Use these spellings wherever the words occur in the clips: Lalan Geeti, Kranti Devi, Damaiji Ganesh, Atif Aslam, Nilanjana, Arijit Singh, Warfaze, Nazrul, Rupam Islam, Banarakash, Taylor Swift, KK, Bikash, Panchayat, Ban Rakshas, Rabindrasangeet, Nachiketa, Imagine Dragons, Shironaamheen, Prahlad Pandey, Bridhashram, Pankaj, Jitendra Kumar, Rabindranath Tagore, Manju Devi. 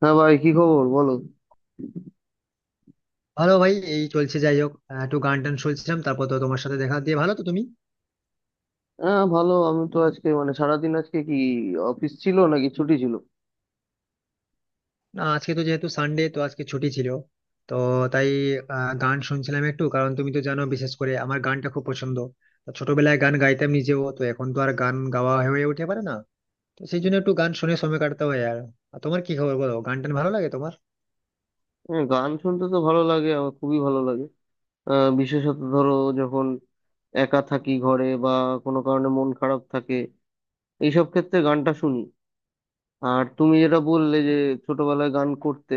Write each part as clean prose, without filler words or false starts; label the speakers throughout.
Speaker 1: হ্যাঁ ভাই, কি খবর বলো?
Speaker 2: ভালো ভাই, এই চলছে। যাই হোক, একটু গান টান শুনছিলাম। তারপর তো তোমার সাথে দেখা দিয়ে ভালো। তো তুমি?
Speaker 1: হ্যাঁ ভালো। আমি তো আজকে মানে সারাদিন আজকে কি অফিস ছিল নাকি ছুটি ছিল?
Speaker 2: না, আজকে তো যেহেতু সানডে, তো আজকে ছুটি ছিল। তো তাই গান শুনছিলাম একটু। কারণ তুমি তো জানো, বিশেষ করে আমার গানটা খুব পছন্দ। তো ছোটবেলায় গান গাইতাম নিজেও, তো এখন তো আর গান গাওয়া হয়ে উঠে পারে না। তো সেই জন্য একটু গান শুনে সময় কাটতে হয়। আর আর তোমার কি খবর বলো? গান টান ভালো লাগে তোমার?
Speaker 1: হ্যাঁ, গান শুনতে তো ভালো লাগে, আমার খুবই ভালো লাগে। বিশেষত ধরো, যখন একা থাকি ঘরে, বা কোনো কারণে মন খারাপ থাকে, এইসব ক্ষেত্রে গানটা শুনি। আর তুমি যেটা বললে যে ছোটবেলায় গান করতে,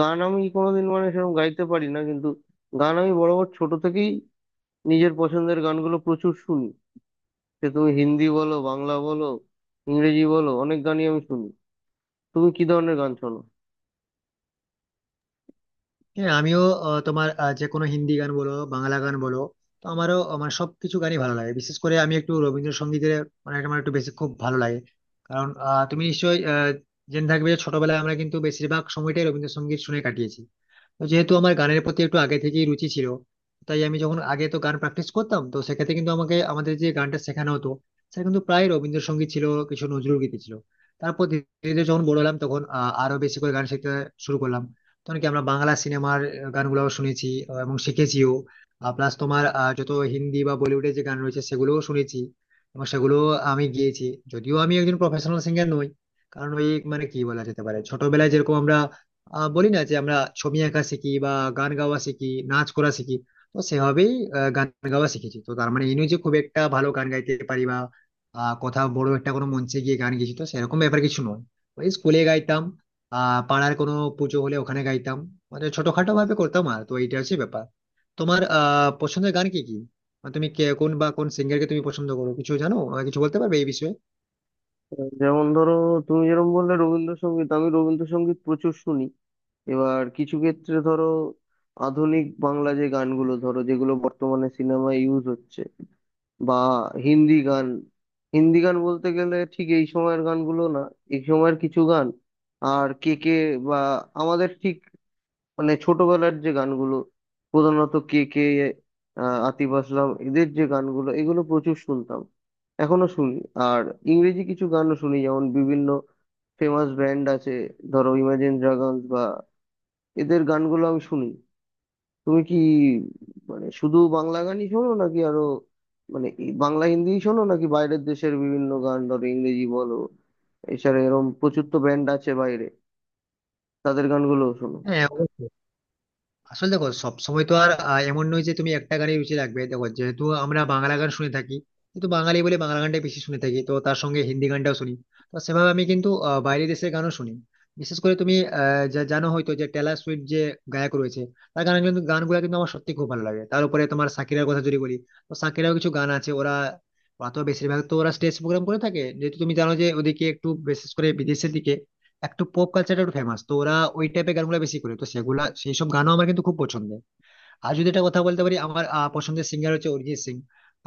Speaker 1: গান আমি কোনোদিন মানে সেরকম গাইতে পারি না, কিন্তু গান আমি বরাবর ছোট থেকেই নিজের পছন্দের গানগুলো প্রচুর শুনি। সে তুমি হিন্দি বলো, বাংলা বলো, ইংরেজি বলো, অনেক গানই আমি শুনি। তুমি কি ধরনের গান শোনো?
Speaker 2: হ্যাঁ আমিও। তোমার যে কোনো হিন্দি গান বলো, বাংলা গান বলো, তো আমারও আমার সবকিছু গানই ভালো লাগে। বিশেষ করে আমি একটু রবীন্দ্রসঙ্গীতের, মানে আমার একটু বেশি খুব ভালো লাগে। কারণ তুমি নিশ্চয়ই জেনে থাকবে যে ছোটবেলায় আমরা কিন্তু বেশিরভাগ সময়টাই রবীন্দ্রসঙ্গীত শুনে কাটিয়েছি। তো যেহেতু আমার গানের প্রতি একটু আগে থেকেই রুচি ছিল, তাই আমি যখন আগে তো গান প্র্যাকটিস করতাম, তো সেক্ষেত্রে কিন্তু আমাকে আমাদের যে গানটা শেখানো হতো, সেটা কিন্তু প্রায় রবীন্দ্রসঙ্গীত ছিল, কিছু নজরুল গীতি ছিল। তারপর ধীরে ধীরে যখন বড় হলাম, তখন আরো বেশি করে গান শিখতে শুরু করলাম। তখন কি আমরা বাংলা সিনেমার গানগুলোও শুনেছি এবং শিখেছিও। প্লাস তোমার যত হিন্দি বা বলিউডের যে গান রয়েছে সেগুলোও শুনেছি এবং সেগুলো আমি গিয়েছি। যদিও আমি একজন প্রফেশনাল সিঙ্গার নই, কারণ ওই মানে কি বলা যেতে পারে, ছোটবেলায় যেরকম আমরা বলি না যে আমরা ছবি আঁকা শিখি বা গান গাওয়া শিখি, নাচ করা শিখি, তো সেভাবেই গান গাওয়া শিখেছি। তো তার মানে এই নয় যে খুব একটা ভালো গান গাইতে পারি বা কোথাও বড় একটা কোনো মঞ্চে গিয়ে গান গেছি, তো সেরকম ব্যাপার কিছু নয়। ওই স্কুলে গাইতাম, পাড়ার কোনো পুজো হলে ওখানে গাইতাম, মানে ছোটখাটো ভাবে করতাম। আর তো এইটা হচ্ছে ব্যাপার। তোমার পছন্দের গান কি কি? মানে তুমি কোন বা কোন সিঙ্গারকে তুমি পছন্দ করো? কিছু জানো, আমাকে কিছু বলতে পারবে এই বিষয়ে?
Speaker 1: যেমন ধরো, তুমি যেরকম বললে রবীন্দ্রসঙ্গীত, আমি রবীন্দ্রসঙ্গীত প্রচুর শুনি। এবার কিছু ক্ষেত্রে ধরো, আধুনিক বাংলা যে গানগুলো, ধরো যেগুলো বর্তমানে সিনেমায় ইউজ হচ্ছে, বা হিন্দি গান। হিন্দি গান বলতে গেলে ঠিক এই সময়ের গানগুলো না, এই সময়ের কিছু গান, আর কে কে, বা আমাদের ঠিক মানে ছোটবেলার যে গানগুলো, প্রধানত কে কে, আতিফ আসলাম, এদের যে গানগুলো এগুলো প্রচুর শুনতাম, এখনো শুনি। আর ইংরেজি কিছু গানও শুনি, যেমন বিভিন্ন ফেমাস ব্যান্ড আছে, ধরো ইমাজিন ড্রাগনস, বা এদের গানগুলো আমি শুনি। তুমি কি মানে শুধু বাংলা গানই শোনো, নাকি আরো মানে এই বাংলা হিন্দিই শোনো, নাকি বাইরের দেশের বিভিন্ন গান, ধরো ইংরেজি বলো, এছাড়া এরকম প্রচুর তো ব্যান্ড আছে বাইরে, তাদের গানগুলোও শোনো?
Speaker 2: হ্যাঁ অবশ্যই। আসলে দেখো সবসময় তো আর এমন নয় যে তুমি একটা গানে রুচি রাখবে। দেখো যেহেতু আমরা বাংলা গান শুনে থাকি, কিন্তু বাঙালি বলে বাংলা গানটাই বেশি শুনে থাকি, তো তার সঙ্গে হিন্দি গানটাও শুনি। তো সেভাবে আমি কিন্তু বাইরের দেশের গানও শুনি। বিশেষ করে তুমি যা জানো হয়তো, যে টেলর সুইফট যে গায়ক রয়েছে, তার গান কিন্তু গানগুলো কিন্তু আমার সত্যি খুব ভালো লাগে। তার উপরে তোমার শাকিরার কথা যদি বলি, তো শাকিরাও কিছু গান আছে, ওরা ওরা তো বেশিরভাগ তো ওরা স্টেজ প্রোগ্রাম করে থাকে। যেহেতু তুমি জানো যে ওদিকে একটু বিশেষ করে বিদেশের দিকে একটু পপ কালচারটা একটু ফেমাস, তো ওরা ওই টাইপের গানগুলো বেশি করে, তো সেগুলা সেই সব গানও আমার কিন্তু খুব পছন্দের। আর যদি এটা কথা বলতে পারি, আমার পছন্দের সিঙ্গার হচ্ছে অরিজিৎ সিং।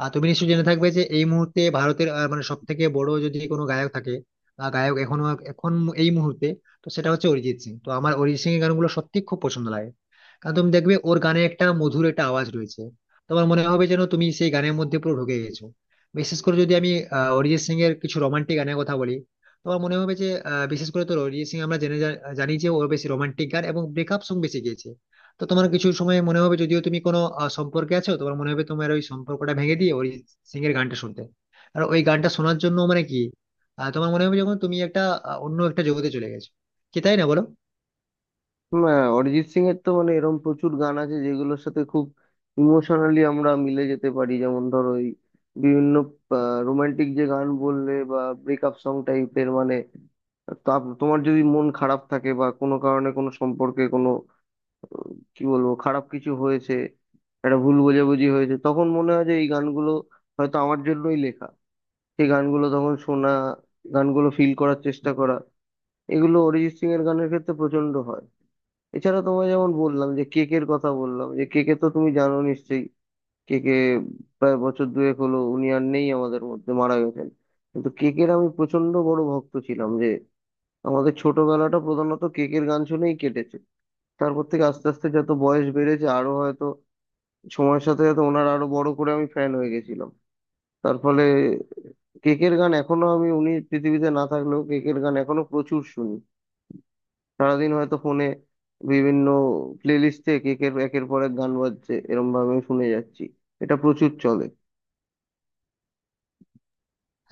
Speaker 2: আর তুমি নিশ্চয়ই জেনে থাকবে যে এই মুহূর্তে ভারতের মানে সব থেকে বড় যদি কোনো গায়ক থাকে, গায়ক এখনো এখন এই মুহূর্তে, তো সেটা হচ্ছে অরিজিৎ সিং। তো আমার অরিজিৎ সিং এর গানগুলো সত্যি খুব পছন্দ লাগে। কারণ তুমি দেখবে ওর গানে একটা মধুর একটা আওয়াজ রয়েছে। তোমার মনে হবে যেন তুমি সেই গানের মধ্যে পুরো ঢুকে গেছো। বিশেষ করে যদি আমি অরিজিৎ সিং এর কিছু রোমান্টিক গানের কথা বলি, তোমার মনে হবে যে বিশেষ করে তো অরিজিৎ সিং আমরা জানি যে ওর বেশি রোমান্টিক গান এবং ব্রেকআপ সং বেশি গেয়েছে। তো তোমার কিছু সময় মনে হবে, যদিও তুমি কোনো সম্পর্কে আছো, তোমার মনে হবে তোমার ওই সম্পর্কটা ভেঙে দিয়ে অরিজিৎ সিং এর গানটা শুনতে। আর ওই গানটা শোনার জন্য মানে কি তোমার মনে হবে যখন তুমি একটা অন্য একটা জগতে চলে গেছো। কি তাই না বলো?
Speaker 1: হুম, হ্যাঁ, অরিজিৎ সিং এর তো মানে এরকম প্রচুর গান আছে যেগুলোর সাথে খুব ইমোশনালি আমরা মিলে যেতে পারি। যেমন ধরো ওই বিভিন্ন রোমান্টিক যে গান বললে, বা ব্রেকআপ সং টাইপের, মানে তা, তোমার যদি মন খারাপ থাকে, বা কোনো কারণে কোনো সম্পর্কে কোনো আহ, কি বলবো খারাপ কিছু হয়েছে, একটা ভুল বোঝাবুঝি হয়েছে, তখন মনে হয় যে এই গানগুলো হয়তো আমার জন্যই লেখা। সেই গানগুলো তখন শোনা, গানগুলো ফিল করার চেষ্টা করা, এগুলো অরিজিৎ সিং এর গানের ক্ষেত্রে প্রচন্ড হয়। এছাড়া তোমায় যেমন বললাম যে কেকের কথা, বললাম যে কেকে তো তুমি জানো নিশ্চয়ই। কেকে প্রায় বছর দুয়েক হলো উনি আর নেই আমাদের মধ্যে, মারা গেছেন। কিন্তু কেকের আমি প্রচন্ড বড় ভক্ত ছিলাম, যে আমাদের ছোটবেলাটা প্রধানত কেকের গান শুনেই কেটেছে। তারপর থেকে আস্তে আস্তে যত বয়স বেড়েছে, আরো হয়তো সময়ের সাথে সাথে ওনার আরো বড় করে আমি ফ্যান হয়ে গেছিলাম। তার ফলে কেকের গান এখনো আমি, উনি পৃথিবীতে না থাকলেও কেকের গান এখনো প্রচুর শুনি। সারাদিন হয়তো ফোনে বিভিন্ন প্লে লিস্টে কেকের একের পর এক গান বাজছে, এরম ভাবে আমি শুনে যাচ্ছি, এটা প্রচুর চলে।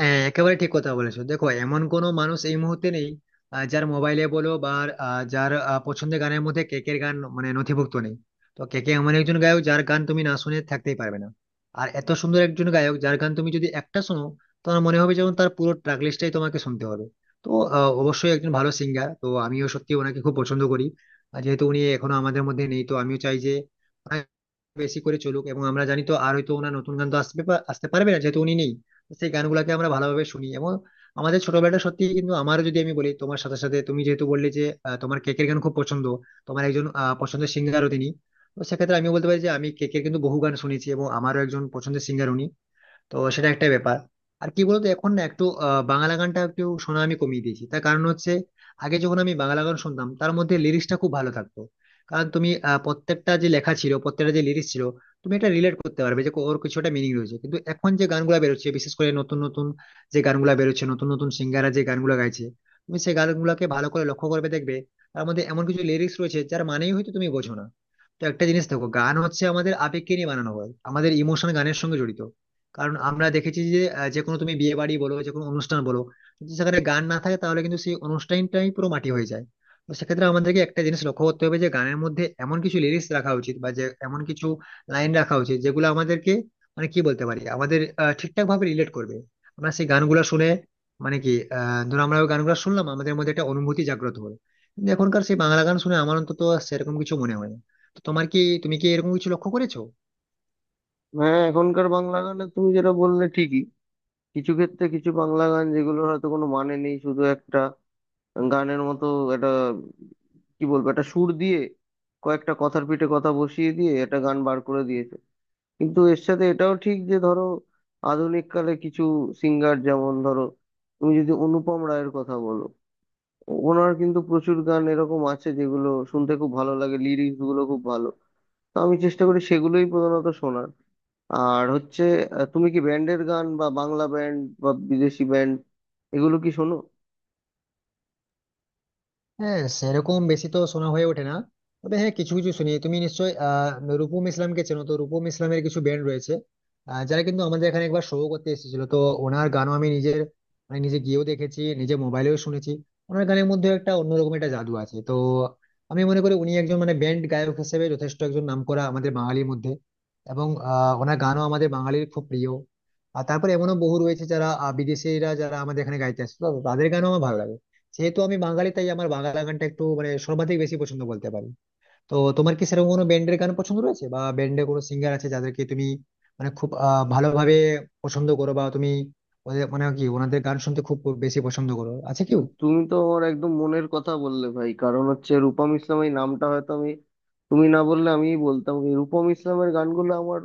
Speaker 2: হ্যাঁ একেবারে ঠিক কথা বলেছো। দেখো এমন কোনো মানুষ এই মুহূর্তে নেই যার মোবাইলে বলো বা যার পছন্দের গানের মধ্যে কেকের গান মানে নথিভুক্ত নেই। তো কেকে এমন একজন গায়ক যার গান তুমি না শুনে থাকতেই পারবে না। আর এত সুন্দর একজন গায়ক যার গান তুমি যদি একটা শোনো, তোমার মনে হবে যেমন তার পুরো ট্র্যাক লিস্টটাই তোমাকে শুনতে হবে। তো অবশ্যই একজন ভালো সিঙ্গার, তো আমিও সত্যি ওনাকে খুব পছন্দ করি। আর যেহেতু উনি এখনো আমাদের মধ্যে নেই, তো আমিও চাই যে মানে বেশি করে চলুক। এবং আমরা জানি তো, আর হয়তো ওনার নতুন গান তো আসবে আসতে পারবে না যেহেতু উনি নেই। তো সেই গানগুলোকে আমরা ভালোভাবে শুনি। এবং আমাদের ছোটবেলাটা সত্যি কিন্তু আমারও, যদি আমি বলি, তোমার সাথে সাথে তুমি যেহেতু বললে যে তোমার কেকের গান খুব পছন্দ, তোমার একজন পছন্দের সিঙ্গারও তিনি। তো সেক্ষেত্রে আমি বলতে পারি যে আমি কেকের কিন্তু বহু গান শুনেছি এবং আমারও একজন পছন্দের সিঙ্গার উনি। তো সেটা একটা ব্যাপার। আর কি বলতো, এখন না একটু বাংলা গানটা একটু শোনা আমি কমিয়ে দিয়েছি। তার কারণ হচ্ছে আগে যখন আমি বাংলা গান শুনতাম তার মধ্যে লিরিক্সটা খুব ভালো থাকতো। কারণ তুমি প্রত্যেকটা যে লেখা ছিল, প্রত্যেকটা যে লিরিক্স ছিল, তুমি এটা রিলেট করতে পারবে যে ওর কিছুটা মিনিং রয়েছে। কিন্তু এখন যে গানগুলা বেরোচ্ছে, বিশেষ করে নতুন নতুন যে গানগুলা বেরোচ্ছে, নতুন নতুন সিঙ্গাররা যে গানগুলা গাইছে, তুমি সেই গানগুলাকে ভালো করে লক্ষ্য করবে দেখবে তার মধ্যে এমন কিছু লিরিক্স রয়েছে যার মানেই হয়তো তুমি বোঝো না। তো একটা জিনিস দেখো, গান হচ্ছে আমাদের আবেগকে নিয়ে বানানো হয়, আমাদের ইমোশন গানের সঙ্গে জড়িত। কারণ আমরা দেখেছি যে যে কোনো তুমি বিয়ে বাড়ি বলো, যে কোনো অনুষ্ঠান বলো, যদি সেখানে গান না থাকে তাহলে কিন্তু সেই অনুষ্ঠানটাই পুরো মাটি হয়ে যায়। তো সেক্ষেত্রে আমাদেরকে একটা জিনিস লক্ষ্য করতে হবে যে গানের মধ্যে এমন কিছু লিরিক্স রাখা উচিত বা যে এমন কিছু লাইন রাখা উচিত যেগুলো আমাদেরকে মানে কি বলতে পারি আমাদের ঠিকঠাক ভাবে রিলেট করবে। আমরা সেই গানগুলো শুনে মানে কি ধরো আমরা ওই গানগুলো শুনলাম আমাদের মধ্যে একটা অনুভূতি জাগ্রত হলো। কিন্তু এখনকার সেই বাংলা গান শুনে আমার অন্তত সেরকম কিছু মনে হয় না। তো তোমার কি, তুমি কি এরকম কিছু লক্ষ্য করেছো?
Speaker 1: হ্যাঁ, এখনকার বাংলা গানে তুমি যেটা বললে ঠিকই। কিছু ক্ষেত্রে কিছু বাংলা গান যেগুলো হয়তো কোনো মানে নেই, শুধু একটা গানের মতো একটা কি বলবো একটা সুর দিয়ে কয়েকটা কথার পিঠে কথা বসিয়ে দিয়ে একটা গান বার করে দিয়েছে। কিন্তু এর সাথে এটাও ঠিক যে ধরো আধুনিক কালে কিছু সিঙ্গার, যেমন ধরো তুমি যদি অনুপম রায়ের কথা বলো, ওনার কিন্তু প্রচুর গান এরকম আছে যেগুলো শুনতে খুব ভালো লাগে, লিরিক্স গুলো খুব ভালো। তো আমি চেষ্টা করি সেগুলোই প্রধানত শোনার। আর হচ্ছে, তুমি কি ব্যান্ডের গান, বা বাংলা ব্যান্ড বা বিদেশি ব্যান্ড, এগুলো কি শোনো?
Speaker 2: হ্যাঁ সেরকম বেশি তো শোনা হয়ে ওঠে না, তবে হ্যাঁ কিছু কিছু শুনি। তুমি নিশ্চয়ই রূপম ইসলামকে চেনো। তো রূপম ইসলামের কিছু ব্যান্ড রয়েছে, যারা কিন্তু আমাদের এখানে একবার শো করতে এসেছিল। তো ওনার গানও আমি নিজের মানে নিজে গিয়েও দেখেছি, নিজে মোবাইলেও শুনেছি। ওনার গানের মধ্যে একটা অন্যরকম একটা জাদু আছে। তো আমি মনে করি উনি একজন মানে ব্যান্ড গায়ক হিসেবে যথেষ্ট একজন নামকরা আমাদের বাঙালির মধ্যে। এবং ওনার গানও আমাদের বাঙালির খুব প্রিয়। আর তারপরে এমনও বহু রয়েছে যারা বিদেশিরা যারা আমাদের এখানে গাইতে আসে, তো তাদের গানও আমার ভালো লাগে। যেহেতু আমি বাঙালি তাই আমার বাংলা গানটা একটু মানে সর্বাধিক বেশি পছন্দ বলতে পারি। তো তোমার কি সেরকম কোনো ব্যান্ডের গান পছন্দ রয়েছে, বা ব্যান্ডের কোনো সিঙ্গার আছে যাদেরকে তুমি মানে খুব ভালোভাবে পছন্দ করো, বা তুমি ওদের মানে কি ওনাদের গান শুনতে খুব বেশি পছন্দ করো, আছে কেউ?
Speaker 1: তুমি তো আমার একদম মনের কথা বললে ভাই। কারণ হচ্ছে রূপম ইসলাম, এই নামটা হয়তো আমি, তুমি না বললে আমিই বলতাম। এই রূপম ইসলামের গানগুলো আমার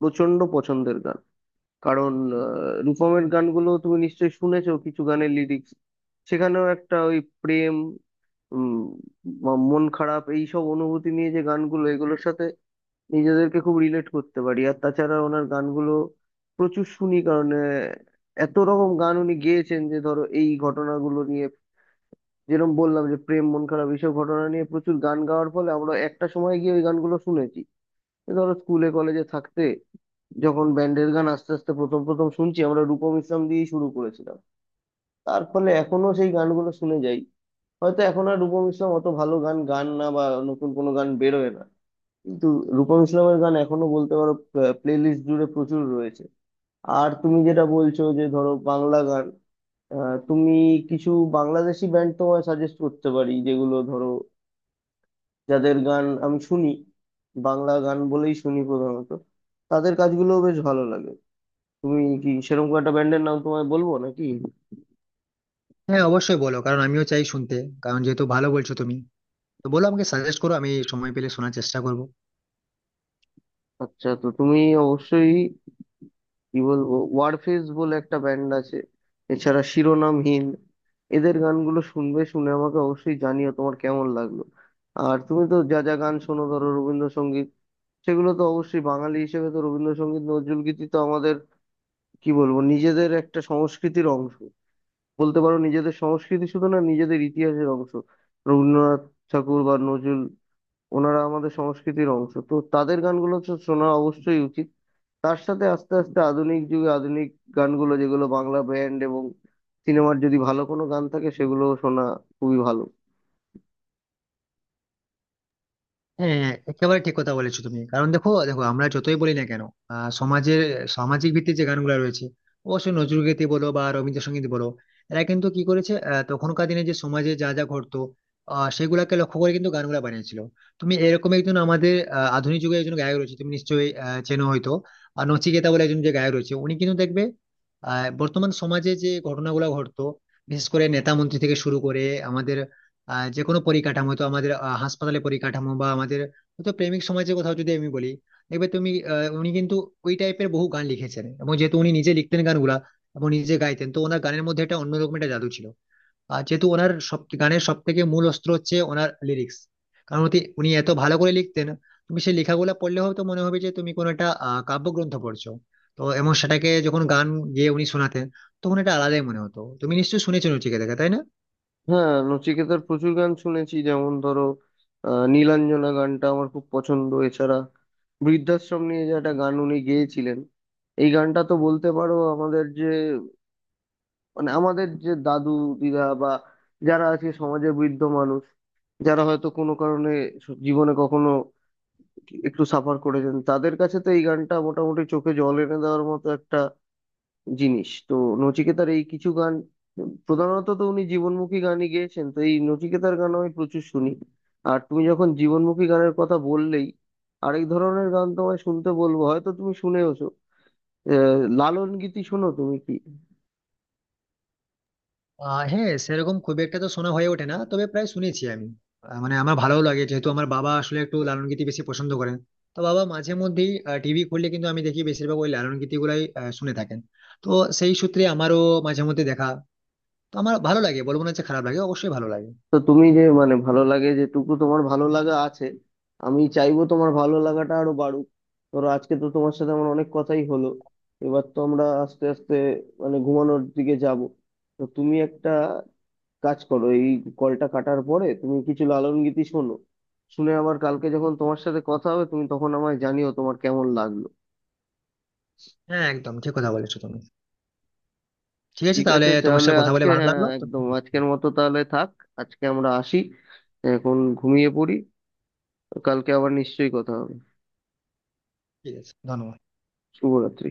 Speaker 1: প্রচন্ড পছন্দের গান। কারণ রূপমের গানগুলো তুমি নিশ্চয়ই শুনেছো কিছু গানের লিরিক্স। সেখানেও একটা ওই প্রেম, উম মন খারাপ, এইসব অনুভূতি নিয়ে যে গানগুলো, এগুলোর সাথে নিজেদেরকে খুব রিলেট করতে পারি। আর তাছাড়া ওনার গানগুলো প্রচুর শুনি, কারণ এত রকম গান উনি গেয়েছেন যে ধরো এই ঘটনাগুলো নিয়ে, যেরকম বললাম যে প্রেম, মন খারাপ, এইসব ঘটনা নিয়ে প্রচুর গান গাওয়ার ফলে আমরা একটা সময় গিয়ে ওই গানগুলো শুনেছি। তো ধরো স্কুলে কলেজে থাকতে যখন ব্যান্ডের গান আস্তে আস্তে প্রথম প্রথম শুনছি, আমরা রূপম ইসলাম দিয়েই শুরু করেছিলাম। তার ফলে এখনো সেই গানগুলো শুনে যাই। হয়তো এখন আর রূপম ইসলাম অত ভালো গান গান না, বা নতুন কোনো গান বেরোয় না, কিন্তু রূপম ইসলামের গান এখনো বলতে পারো প্লে লিস্ট জুড়ে প্রচুর রয়েছে। আর তুমি যেটা বলছো যে ধরো বাংলা গান, তুমি কিছু বাংলাদেশি ব্যান্ড তোমায় সাজেস্ট করতে পারি, যেগুলো ধরো, যাদের গান আমি শুনি, বাংলা গান বলেই শুনি প্রধানত, তাদের কাজগুলো বেশ ভালো লাগে। তুমি কি সেরকম কোনো একটা ব্যান্ডের নাম তোমায় বলবো নাকি?
Speaker 2: হ্যাঁ অবশ্যই বলো, কারণ আমিও চাই শুনতে। কারণ যেহেতু ভালো বলছো তুমি, তো বলো আমাকে সাজেস্ট করো, আমি সময় পেলে শোনার চেষ্টা করবো।
Speaker 1: আচ্ছা, তো তুমি অবশ্যই কি বলবো, ওয়ারফেজ বলে একটা ব্যান্ড আছে, এছাড়া শিরোনামহীন, এদের গানগুলো শুনবে। শুনে আমাকে অবশ্যই জানিও তোমার কেমন লাগলো। আর তুমি তো যা যা গান শোনো ধরো রবীন্দ্রসঙ্গীত, সেগুলো তো অবশ্যই বাঙালি হিসেবে তো রবীন্দ্রসঙ্গীত, নজরুলগীতি তো আমাদের কি বলবো নিজেদের একটা সংস্কৃতির অংশ। বলতে পারো নিজেদের সংস্কৃতি শুধু না, নিজেদের ইতিহাসের অংশ। রবীন্দ্রনাথ ঠাকুর বা নজরুল, ওনারা আমাদের সংস্কৃতির অংশ, তো তাদের গানগুলো তো শোনা অবশ্যই উচিত। তার সাথে আস্তে আস্তে আধুনিক যুগে আধুনিক গানগুলো, যেগুলো বাংলা ব্যান্ড এবং সিনেমার যদি ভালো কোনো গান থাকে, সেগুলো শোনা খুবই ভালো।
Speaker 2: হ্যাঁ হ্যাঁ, একেবারে ঠিক কথা বলেছো তুমি। কারণ দেখো দেখো আমরা যতই বলি না কেন, সমাজের সামাজিক ভিত্তিক যে গানগুলো রয়েছে, অবশ্যই নজরুলগীতি বলো বা রবীন্দ্রসঙ্গীত বলো, এরা কিন্তু কি করেছে, তখনকার দিনে যে সমাজে যা যা ঘটতো, সেগুলাকে লক্ষ্য করে কিন্তু গানগুলা বানিয়েছিল। তুমি এরকম একজন আমাদের আধুনিক যুগে একজন গায়ক রয়েছে তুমি নিশ্চয়ই চেনো হয়তো। আর নচিকেতা বলে একজন যে গায়ক রয়েছে, উনি কিন্তু দেখবে বর্তমান সমাজে যে ঘটনাগুলো ঘটতো, বিশেষ করে নেতা মন্ত্রী থেকে শুরু করে আমাদের যে কোনো পরিকাঠামো, তো আমাদের হাসপাতালে পরিকাঠামো বা আমাদের হয়তো প্রেমিক সমাজের কথাও যদি আমি বলি, দেখবে তুমি উনি কিন্তু ওই টাইপের বহু গান লিখেছেন। এবং যেহেতু উনি নিজে লিখতেন গানগুলা এবং নিজে গাইতেন, তো ওনার গানের মধ্যে একটা অন্যরকম একটা জাদু ছিল। আর যেহেতু ওনার সব গানের সব থেকে মূল অস্ত্র হচ্ছে ওনার লিরিক্স, কারণ হচ্ছে উনি এত ভালো করে লিখতেন, তুমি সেই লেখাগুলো পড়লে হয়তো মনে হবে যে তুমি কোনো একটা কাব্যগ্রন্থ পড়ছো। তো এবং সেটাকে যখন গান গেয়ে উনি শোনাতেন, তখন এটা আলাদাই মনে হতো। তুমি নিশ্চয়ই শুনেছো নচিকেতাকে, তাই না?
Speaker 1: হ্যাঁ, নচিকেতার প্রচুর গান শুনেছি। যেমন ধরো, নীলাঞ্জনা গানটা আমার খুব পছন্দ। এছাড়া বৃদ্ধাশ্রম নিয়ে যে একটা গান উনি গেয়েছিলেন, এই গানটা তো বলতে পারো আমাদের যে মানে আমাদের যে দাদু দিদা, বা যারা আছে সমাজে বৃদ্ধ মানুষ, যারা হয়তো কোনো কারণে জীবনে কখনো একটু সাফার করেছেন, তাদের কাছে তো এই গানটা মোটামুটি চোখে জল এনে দেওয়ার মতো একটা জিনিস। তো নচিকেতার এই কিছু গান, প্রধানত তো উনি জীবনমুখী গানই গেয়েছেন, তো এই নচিকেতার গানও আমি প্রচুর শুনি। আর তুমি যখন জীবনমুখী গানের কথা বললেই, আরেক ধরনের গান তোমায় শুনতে বলবো, হয়তো তুমি শুনেওছো। লালন গীতি শোনো তুমি কি?
Speaker 2: হ্যাঁ সেরকম খুব একটা তো শোনা হয়ে ওঠে না, তবে প্রায় শুনেছি আমি। মানে আমার ভালো লাগে, যেহেতু আমার বাবা আসলে একটু লালন গীতি বেশি পছন্দ করেন। তো বাবা মাঝে মধ্যেই টিভি খুললে কিন্তু আমি দেখি বেশিরভাগ ওই লালন গীতি গুলাই শুনে থাকেন। তো সেই সূত্রে আমারও মাঝে মধ্যে দেখা। তো আমার ভালো লাগে, বলবো না যে খারাপ লাগে, অবশ্যই ভালো লাগে।
Speaker 1: তো তুমি যে মানে ভালো লাগে, যেটুকু তোমার ভালো লাগা আছে, আমি চাইবো তোমার ভালো লাগাটা আরো বাড়ুক। ধরো আজকে তো তোমার সাথে আমার অনেক কথাই হলো। এবার তো আমরা আস্তে আস্তে মানে ঘুমানোর দিকে যাব। তো তুমি একটা কাজ করো, এই কলটা কাটার পরে তুমি কিছু লালন গীতি শোনো। শুনে আবার কালকে যখন তোমার সাথে কথা হবে, তুমি তখন আমায় জানিও তোমার কেমন লাগলো।
Speaker 2: হ্যাঁ একদম ঠিক কথা বলেছো তুমি। ঠিক আছে,
Speaker 1: ঠিক
Speaker 2: তাহলে
Speaker 1: আছে
Speaker 2: তোমার
Speaker 1: তাহলে
Speaker 2: সাথে কথা বলে
Speaker 1: আজকে,
Speaker 2: ভালো
Speaker 1: হ্যাঁ
Speaker 2: লাগলো তো।
Speaker 1: একদম আজকের মতো তাহলে থাক। আজকে আমরা আসি, এখন ঘুমিয়ে পড়ি। কালকে আবার নিশ্চয়ই কথা হবে।
Speaker 2: ঠিক আছে, ধন্যবাদ।
Speaker 1: শুভরাত্রি।